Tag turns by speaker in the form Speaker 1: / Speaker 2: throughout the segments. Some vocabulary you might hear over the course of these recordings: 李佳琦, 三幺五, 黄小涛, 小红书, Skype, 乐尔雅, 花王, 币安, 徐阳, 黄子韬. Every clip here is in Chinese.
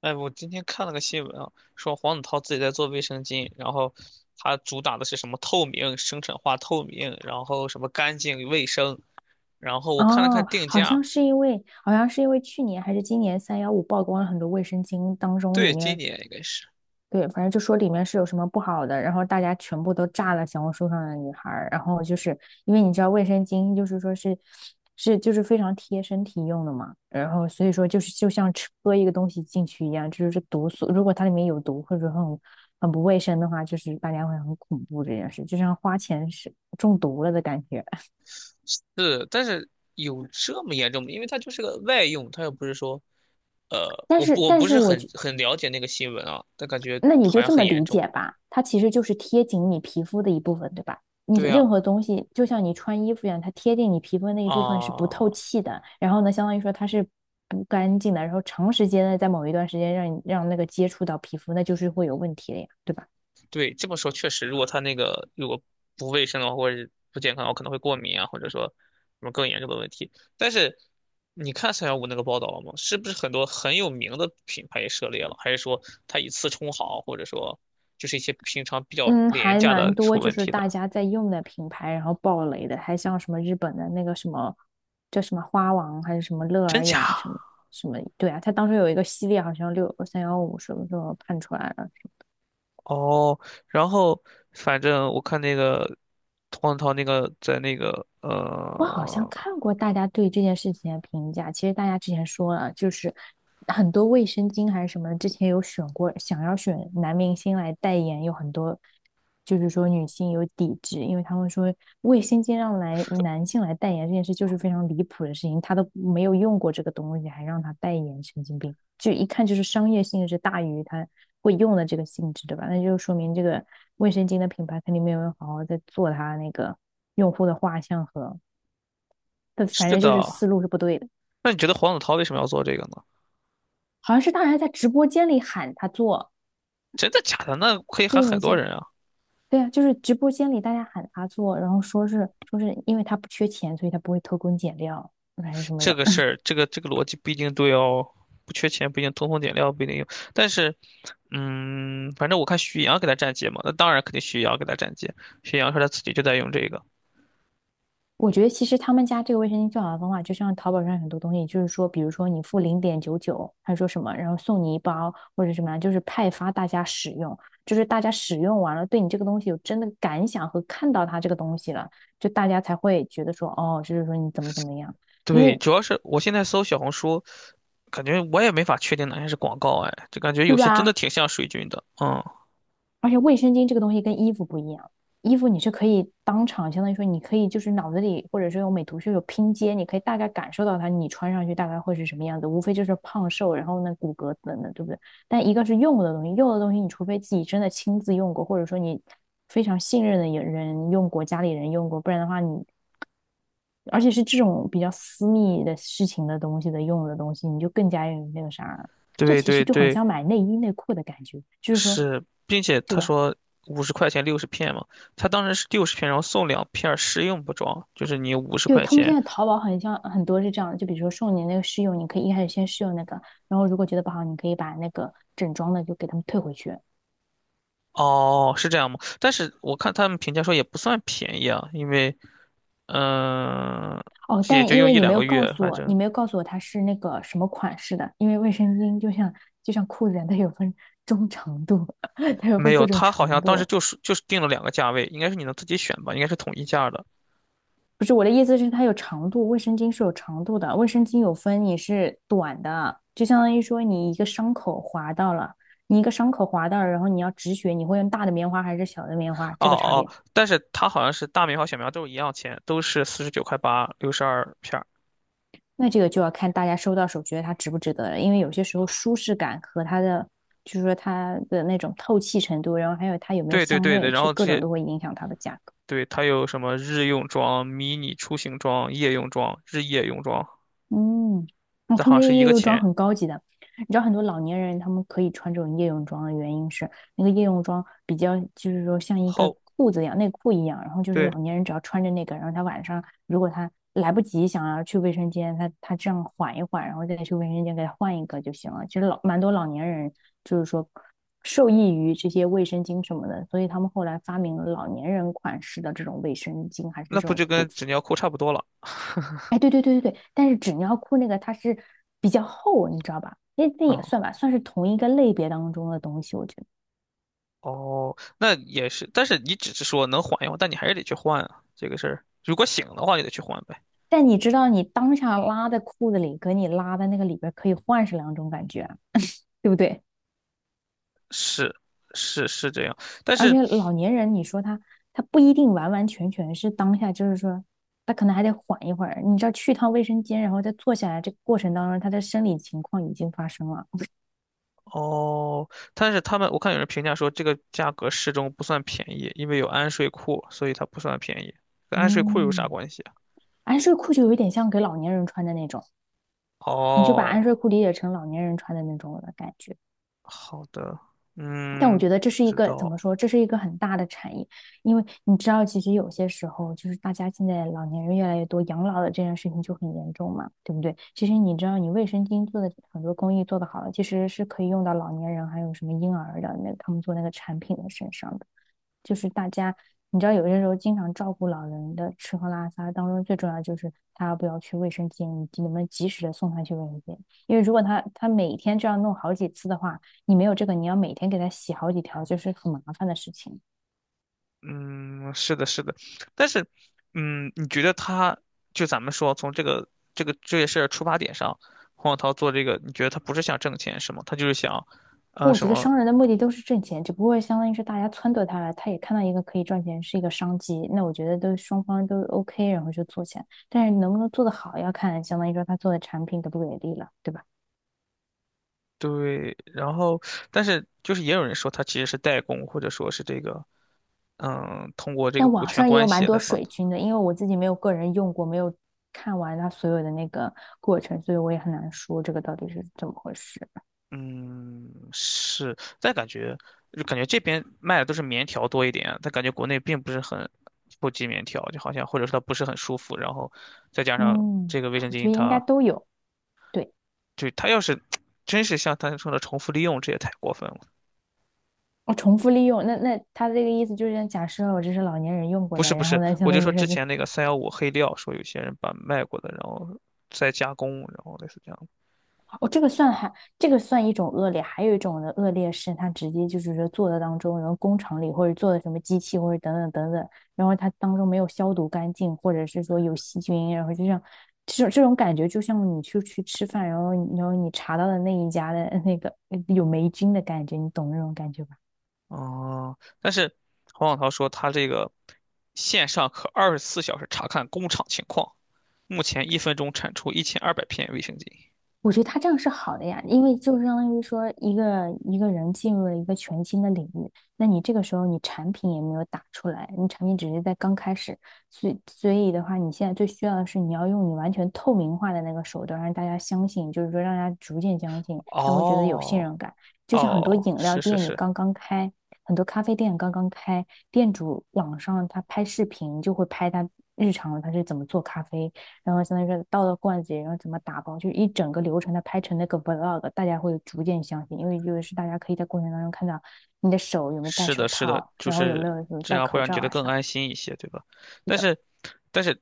Speaker 1: 哎，我今天看了个新闻啊，说黄子韬自己在做卫生巾，然后他主打的是什么透明、生产化透明，然后什么干净卫生，然后我看了看
Speaker 2: 哦，
Speaker 1: 定
Speaker 2: 好
Speaker 1: 价。
Speaker 2: 像是因为，好像是因为去年还是今年三幺五曝光了很多卫生巾当中里
Speaker 1: 对，今
Speaker 2: 面。
Speaker 1: 年应该是
Speaker 2: 对，反正就说里面是有什么不好的，然后大家全部都炸了小红书上的女孩儿，然后就是因为你知道卫生巾就是说是就是非常贴身体用的嘛，然后所以说就是就像喝一个东西进去一样，就是毒素，如果它里面有毒或者很不卫生的话，就是大家会很恐怖这件事，就像花钱是中毒了的感觉。
Speaker 1: 是，但是有这么严重吗？因为它就是个外用，它又不是说，
Speaker 2: 但
Speaker 1: 我
Speaker 2: 是，
Speaker 1: 不我
Speaker 2: 但
Speaker 1: 不
Speaker 2: 是
Speaker 1: 是
Speaker 2: 我
Speaker 1: 很
Speaker 2: 觉，
Speaker 1: 很了解那个新闻啊，但感觉
Speaker 2: 那你
Speaker 1: 好
Speaker 2: 就
Speaker 1: 像
Speaker 2: 这
Speaker 1: 很
Speaker 2: 么
Speaker 1: 严
Speaker 2: 理
Speaker 1: 重。
Speaker 2: 解吧，它其实就是贴紧你皮肤的一部分，对吧？你
Speaker 1: 对啊，
Speaker 2: 任何东西，就像你穿衣服一样，它贴近你皮肤的那一部分是不
Speaker 1: 啊、
Speaker 2: 透气的，然后呢，相当于说它是不干净的，然后长时间的在某一段时间让你让那个接触到皮肤，那就是会有问题的呀，对吧？
Speaker 1: 对，这么说确实，如果它那个如果不卫生的话，或者是不健康的话，可能会过敏啊，或者说什么更严重的问题。但是你看三幺五那个报道了吗？是不是很多很有名的品牌也涉猎了？还是说它以次充好，或者说就是一些平常比较
Speaker 2: 嗯，
Speaker 1: 廉
Speaker 2: 还
Speaker 1: 价
Speaker 2: 蛮
Speaker 1: 的出
Speaker 2: 多，就
Speaker 1: 问
Speaker 2: 是
Speaker 1: 题
Speaker 2: 大
Speaker 1: 的？
Speaker 2: 家在用的品牌，然后爆雷的，还像什么日本的那个什么叫什么花王，还是什么乐
Speaker 1: 真
Speaker 2: 尔
Speaker 1: 假？
Speaker 2: 雅什么什么。对啊，它当时有一个系列，好像六三幺五什么时候判出来了。
Speaker 1: 哦，然后反正我看那个黄子韬那个在那个
Speaker 2: 我好像看过大家对这件事情的评价，其实大家之前说了，就是很多卫生巾还是什么，之前有选过，想要选男明星来代言，有很多就是说女性有抵制，因为他们说卫生巾让来男性来代言这件事就是非常离谱的事情，他都没有用过这个东西，还让他代言，神经病！就一看就是商业性质大于他会用的这个性质，对吧？那就说明这个卫生巾的品牌肯定没有人好好在做它那个用户的画像和。但反
Speaker 1: 是
Speaker 2: 正就是
Speaker 1: 的。
Speaker 2: 思路是不对的。
Speaker 1: 那你觉得黄子韬为什么要做这个呢？
Speaker 2: 好像是大家在直播间里喊他做，
Speaker 1: 真的假的？那可以喊
Speaker 2: 对你
Speaker 1: 很多
Speaker 2: 去，
Speaker 1: 人啊。
Speaker 2: 对啊，就是直播间里大家喊他做，然后说是说是因为他不缺钱，所以他不会偷工减料还是什么
Speaker 1: 这
Speaker 2: 的。
Speaker 1: 个事 儿，这个逻辑不一定对哦，不缺钱不一定通风点料不一定有，但是，嗯，反正我看徐阳给他站街嘛，那当然肯定徐阳给他站街，徐阳说他自己就在用这个。
Speaker 2: 我觉得其实他们家这个卫生巾最好的方法，就像淘宝上很多东西，就是说，比如说你付0.99，他说什么，然后送你一包或者什么啊，就是派发大家使用，就是大家使用完了，对你这个东西有真的感想和看到它这个东西了，就大家才会觉得说，哦，就是说你怎么怎么样。因
Speaker 1: 对，
Speaker 2: 为
Speaker 1: 主要是我现在搜小红书，感觉我也没法确定哪些是广告，哎，就感觉有
Speaker 2: 对
Speaker 1: 些真的
Speaker 2: 吧？
Speaker 1: 挺像水军的。嗯，
Speaker 2: 而且卫生巾这个东西跟衣服不一样，衣服你是可以当场，相当于说你可以就是脑子里或者是用美图秀秀拼接，你可以大概感受到它你穿上去大概会是什么样子，无非就是胖瘦，然后那骨骼等等，对不对？但一个是用的东西，用的东西你除非自己真的亲自用过，或者说你非常信任的人用过，家里人用过，不然的话你。而且是这种比较私密的事情的东西的用的东西，你就更加有那个啥，这
Speaker 1: 对
Speaker 2: 其实
Speaker 1: 对
Speaker 2: 就很
Speaker 1: 对，
Speaker 2: 像买内衣内裤的感觉，就是说，
Speaker 1: 是，并且
Speaker 2: 对
Speaker 1: 他
Speaker 2: 吧？
Speaker 1: 说五十块钱六十片嘛，他当时是六十片，然后送2片儿试用不装，就是你五十
Speaker 2: 对，
Speaker 1: 块
Speaker 2: 他们现
Speaker 1: 钱。
Speaker 2: 在淘宝很像很多是这样的，就比如说送你那个试用，你可以一开始先试用那个，然后如果觉得不好，你可以把那个整装的就给他们退回去。
Speaker 1: 哦，是这样吗？但是我看他们评价说也不算便宜啊，因为嗯、呃
Speaker 2: 哦，
Speaker 1: 也
Speaker 2: 但
Speaker 1: 就
Speaker 2: 因
Speaker 1: 用
Speaker 2: 为
Speaker 1: 一
Speaker 2: 你没
Speaker 1: 两
Speaker 2: 有
Speaker 1: 个
Speaker 2: 告
Speaker 1: 月，
Speaker 2: 诉
Speaker 1: 反
Speaker 2: 我，
Speaker 1: 正
Speaker 2: 你没有告诉我它是那个什么款式的，因为卫生巾就像就像裤子一样，它有分中长度，它有
Speaker 1: 没
Speaker 2: 分
Speaker 1: 有。
Speaker 2: 各种
Speaker 1: 他好像
Speaker 2: 长
Speaker 1: 当时
Speaker 2: 度。
Speaker 1: 就是定了2个价位，应该是你能自己选吧，应该是统一价的。
Speaker 2: 不是我的意思是它有长度，卫生巾是有长度的，卫生巾有分你是短的，就相当于说你一个伤口划到了，你一个伤口划到了，然后你要止血，你会用大的棉花还是小的棉花，
Speaker 1: 哦
Speaker 2: 这个差
Speaker 1: 哦，
Speaker 2: 别。
Speaker 1: 但是他好像是大苗和小苗都是一样钱，都是49.8块，62片儿。
Speaker 2: 那这个就要看大家收到手觉得它值不值得了，因为有些时候舒适感和它的，就是说它的那种透气程度，然后还有它有没有
Speaker 1: 对对
Speaker 2: 香
Speaker 1: 对对，
Speaker 2: 味，
Speaker 1: 然
Speaker 2: 这
Speaker 1: 后这
Speaker 2: 各种
Speaker 1: 些
Speaker 2: 都会影响它的价格。
Speaker 1: 对它有什么日用装、迷你出行装、夜用装、日夜用装，
Speaker 2: 嗯，哦，
Speaker 1: 但
Speaker 2: 他
Speaker 1: 好
Speaker 2: 们
Speaker 1: 像
Speaker 2: 的
Speaker 1: 是一
Speaker 2: 夜
Speaker 1: 个
Speaker 2: 用装
Speaker 1: 钱。
Speaker 2: 很高级的。你知道很多老年人他们可以穿这种夜用装的原因是，那个夜用装比较就是说像一个
Speaker 1: 后
Speaker 2: 裤子一样，内裤一样，然后就是
Speaker 1: 对，
Speaker 2: 老年人只要穿着那个，然后他晚上如果他来不及想要去卫生间，他这样缓一缓，然后再去卫生间给他换一个就行了。其实老蛮多老年人就是说受益于这些卫生巾什么的，所以他们后来发明了老年人款式的这种卫生巾还是这
Speaker 1: 那不
Speaker 2: 种
Speaker 1: 就
Speaker 2: 裤
Speaker 1: 跟
Speaker 2: 子。
Speaker 1: 纸尿裤差不多了？
Speaker 2: 哎，对对对对对，但是纸尿裤那个它是比较厚，你知道吧？那也
Speaker 1: 啊？
Speaker 2: 算吧，算是同一个类别当中的东西，我觉得。
Speaker 1: 哦，那也是，但是你只是说能缓一缓，但你还是得去换啊，这个事儿。如果醒的话，也得去换呗。
Speaker 2: 但你知道，你当下拉在裤子里，跟你拉在那个里边儿可以换是两种感觉啊，对不对？
Speaker 1: 是是是，这样，但
Speaker 2: 而
Speaker 1: 是
Speaker 2: 且老年人，你说他不一定完完全全是当下，就是说他可能还得缓一会儿。你知道，去趟卫生间，然后再坐下来，这个过程当中，他的生理情况已经发生了。
Speaker 1: 哦，但是他们我看有人评价说这个价格适中不算便宜，因为有安睡裤，所以它不算便宜。跟安睡裤有啥
Speaker 2: 嗯，
Speaker 1: 关系啊？
Speaker 2: 哎，睡裤就有一点像给老年人穿的那种。你就把安
Speaker 1: 哦，
Speaker 2: 睡裤理解成老年人穿的那种的感觉。
Speaker 1: 好的，
Speaker 2: 但我
Speaker 1: 嗯，
Speaker 2: 觉得这
Speaker 1: 不
Speaker 2: 是一
Speaker 1: 知
Speaker 2: 个怎么
Speaker 1: 道。
Speaker 2: 说？这是一个很大的产业，因为你知道，其实有些时候就是大家现在老年人越来越多，养老的这件事情就很严重嘛，对不对？其实你知道，你卫生巾做的很多工艺做的好了，其实是可以用到老年人还有什么婴儿的那他们做那个产品的身上的。就是大家，你知道有些时候经常照顾老人的吃喝拉撒当中，最重要就是他要不要去卫生间，以及能不能及时的送他去卫生间。因为如果他每天这样弄好几次的话，你没有这个，你要每天给他洗好几条，就是很麻烦的事情。
Speaker 1: 嗯，是的，是的，但是，嗯，你觉得他就咱们说从这个这件事儿出发点上，黄小涛做这个，你觉得他不是想挣钱是吗？他就是想，啊，
Speaker 2: 我
Speaker 1: 什
Speaker 2: 觉得
Speaker 1: 么
Speaker 2: 商人的目的都是挣钱，只不过相当于是大家撺掇他了，他也看到一个可以赚钱是一个商机，那我觉得都双方都 OK,然后就做起来。但是能不能做得好，要看相当于说他做的产品给不给力了，对吧？
Speaker 1: 对。然后，但是就是也有人说他其实是代工，或者说是这个，嗯，通过这个
Speaker 2: 但
Speaker 1: 股
Speaker 2: 网
Speaker 1: 权
Speaker 2: 上也
Speaker 1: 关
Speaker 2: 有蛮
Speaker 1: 系来
Speaker 2: 多
Speaker 1: 帮。
Speaker 2: 水军的，因为我自己没有个人用过，没有看完它所有的那个过程，所以我也很难说这个到底是怎么回事。
Speaker 1: 嗯，是，但感觉就感觉这边卖的都是棉条多一点，但感觉国内并不是很普及棉条，就好像或者说它不是很舒服，然后再加上
Speaker 2: 嗯，
Speaker 1: 这个卫生
Speaker 2: 我觉
Speaker 1: 巾
Speaker 2: 得应该
Speaker 1: 它，
Speaker 2: 都有。对，
Speaker 1: 就它要是真是像他说的重复利用，这也太过分了。
Speaker 2: 我重复利用，那那他这个意思就是，假设我这是老年人用过
Speaker 1: 不
Speaker 2: 的，
Speaker 1: 是不
Speaker 2: 然后
Speaker 1: 是，
Speaker 2: 呢，相
Speaker 1: 我
Speaker 2: 当
Speaker 1: 就说
Speaker 2: 于是
Speaker 1: 之
Speaker 2: 在
Speaker 1: 前那个三幺五黑料，说有些人把卖过的，然后再加工，然后类似这样的。
Speaker 2: 哦，这个算还，这个算一种恶劣，还有一种的恶劣是，他直接就是说做的当中，然后工厂里或者做的什么机器或者等等等等，然后它当中没有消毒干净，或者是说有细菌，然后就像这种感觉，就像你去吃饭，然后你查到的那一家的那个有霉菌的感觉，你懂那种感觉吧？
Speaker 1: 哦，但是黄小涛说他这个线上可24小时查看工厂情况。目前1分钟产出1200片卫生巾。
Speaker 2: 我觉得他这样是好的呀，因为就相当于说一个人进入了一个全新的领域，那你这个时候你产品也没有打出来，你产品只是在刚开始，所以的话，你现在最需要的是你要用你完全透明化的那个手段，让大家相信，就是说让大家逐渐相信，他会觉得有信
Speaker 1: 哦，
Speaker 2: 任感。就像很多
Speaker 1: 哦，
Speaker 2: 饮料
Speaker 1: 是是
Speaker 2: 店你
Speaker 1: 是，
Speaker 2: 刚刚开，很多咖啡店刚刚开，店主网上他拍视频就会拍他日常他是怎么做咖啡。然后相当于是倒到罐子里，然后怎么打包，就是一整个流程的拍成那个 vlog,大家会逐渐相信，因为就是大家可以在过程当中看到你的手有没有戴
Speaker 1: 是
Speaker 2: 手
Speaker 1: 的，是的，
Speaker 2: 套，
Speaker 1: 就
Speaker 2: 然后有没有
Speaker 1: 是这
Speaker 2: 戴
Speaker 1: 样会
Speaker 2: 口
Speaker 1: 让你
Speaker 2: 罩
Speaker 1: 觉得
Speaker 2: 啊
Speaker 1: 更
Speaker 2: 啥
Speaker 1: 安
Speaker 2: 的。
Speaker 1: 心一些，对吧？但是，但是，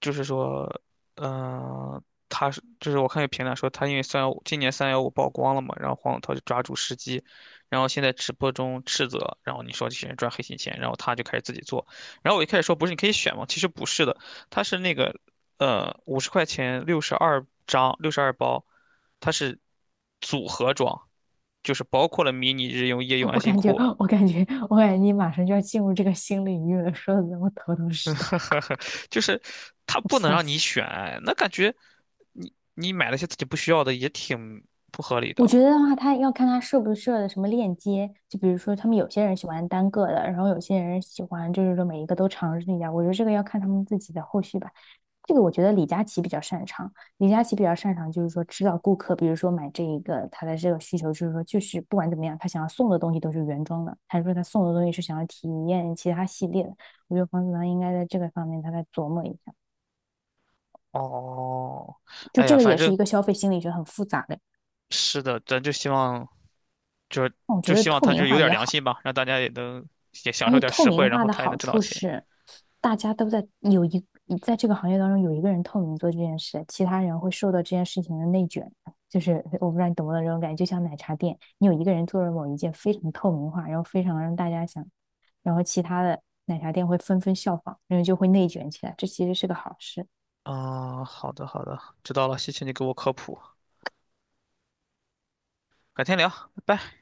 Speaker 1: 就是说，嗯、他是就是我看有评论说他因为三幺五今年三幺五曝光了嘛，然后黄子韬就抓住时机，然后现在直播中斥责，然后你说这些人赚黑心钱，然后他就开始自己做，然后我一开始说不是你可以选吗？其实不是的，他是那个50块钱62张62包，它是组合装。就是包括了迷你日用、夜用、安
Speaker 2: 我
Speaker 1: 心
Speaker 2: 感觉，
Speaker 1: 裤，
Speaker 2: 我感觉,你马上就要进入这个新领域了，说的我头头 是道，
Speaker 1: 呵呵呵，就是他
Speaker 2: 我
Speaker 1: 不能
Speaker 2: 吓
Speaker 1: 让你
Speaker 2: 死。
Speaker 1: 选，那感觉你你买了些自己不需要的也挺不合理的。
Speaker 2: 我觉得的话，他要看他设不设的什么链接，就比如说他们有些人喜欢单个的，然后有些人喜欢就是说每一个都尝试一下。我觉得这个要看他们自己的后续吧。这个我觉得李佳琦比较擅长，李佳琦比较擅长就是说知道顾客，比如说买这一个他的这个需求，就是说就是不管怎么样，他想要送的东西都是原装的，还是说他送的东西是想要体验其他系列的？我觉得黄子韬应该在这个方面他再琢磨一下，
Speaker 1: 哦，
Speaker 2: 就
Speaker 1: 哎
Speaker 2: 这
Speaker 1: 呀，
Speaker 2: 个
Speaker 1: 反
Speaker 2: 也是
Speaker 1: 正
Speaker 2: 一个消费心理学很复杂的，
Speaker 1: 是的，咱就希望就
Speaker 2: 我觉
Speaker 1: 就
Speaker 2: 得
Speaker 1: 希望
Speaker 2: 透
Speaker 1: 他
Speaker 2: 明
Speaker 1: 就有
Speaker 2: 化
Speaker 1: 点
Speaker 2: 也
Speaker 1: 良
Speaker 2: 好，
Speaker 1: 心吧，让大家也能也享
Speaker 2: 而
Speaker 1: 受
Speaker 2: 且
Speaker 1: 点
Speaker 2: 透
Speaker 1: 实
Speaker 2: 明
Speaker 1: 惠，然
Speaker 2: 化
Speaker 1: 后
Speaker 2: 的
Speaker 1: 他也能
Speaker 2: 好
Speaker 1: 挣到
Speaker 2: 处
Speaker 1: 钱。
Speaker 2: 是大家都在有一在这个行业当中有一个人透明做这件事，其他人会受到这件事情的内卷。就是我不知道你懂不懂这种感觉，就像奶茶店，你有一个人做了某一件非常透明化，然后非常让大家想，然后其他的奶茶店会纷纷效仿，然后就会内卷起来。这其实是个好事。
Speaker 1: 啊、好的好的，知道了，谢谢你给我科普，改天聊，拜拜。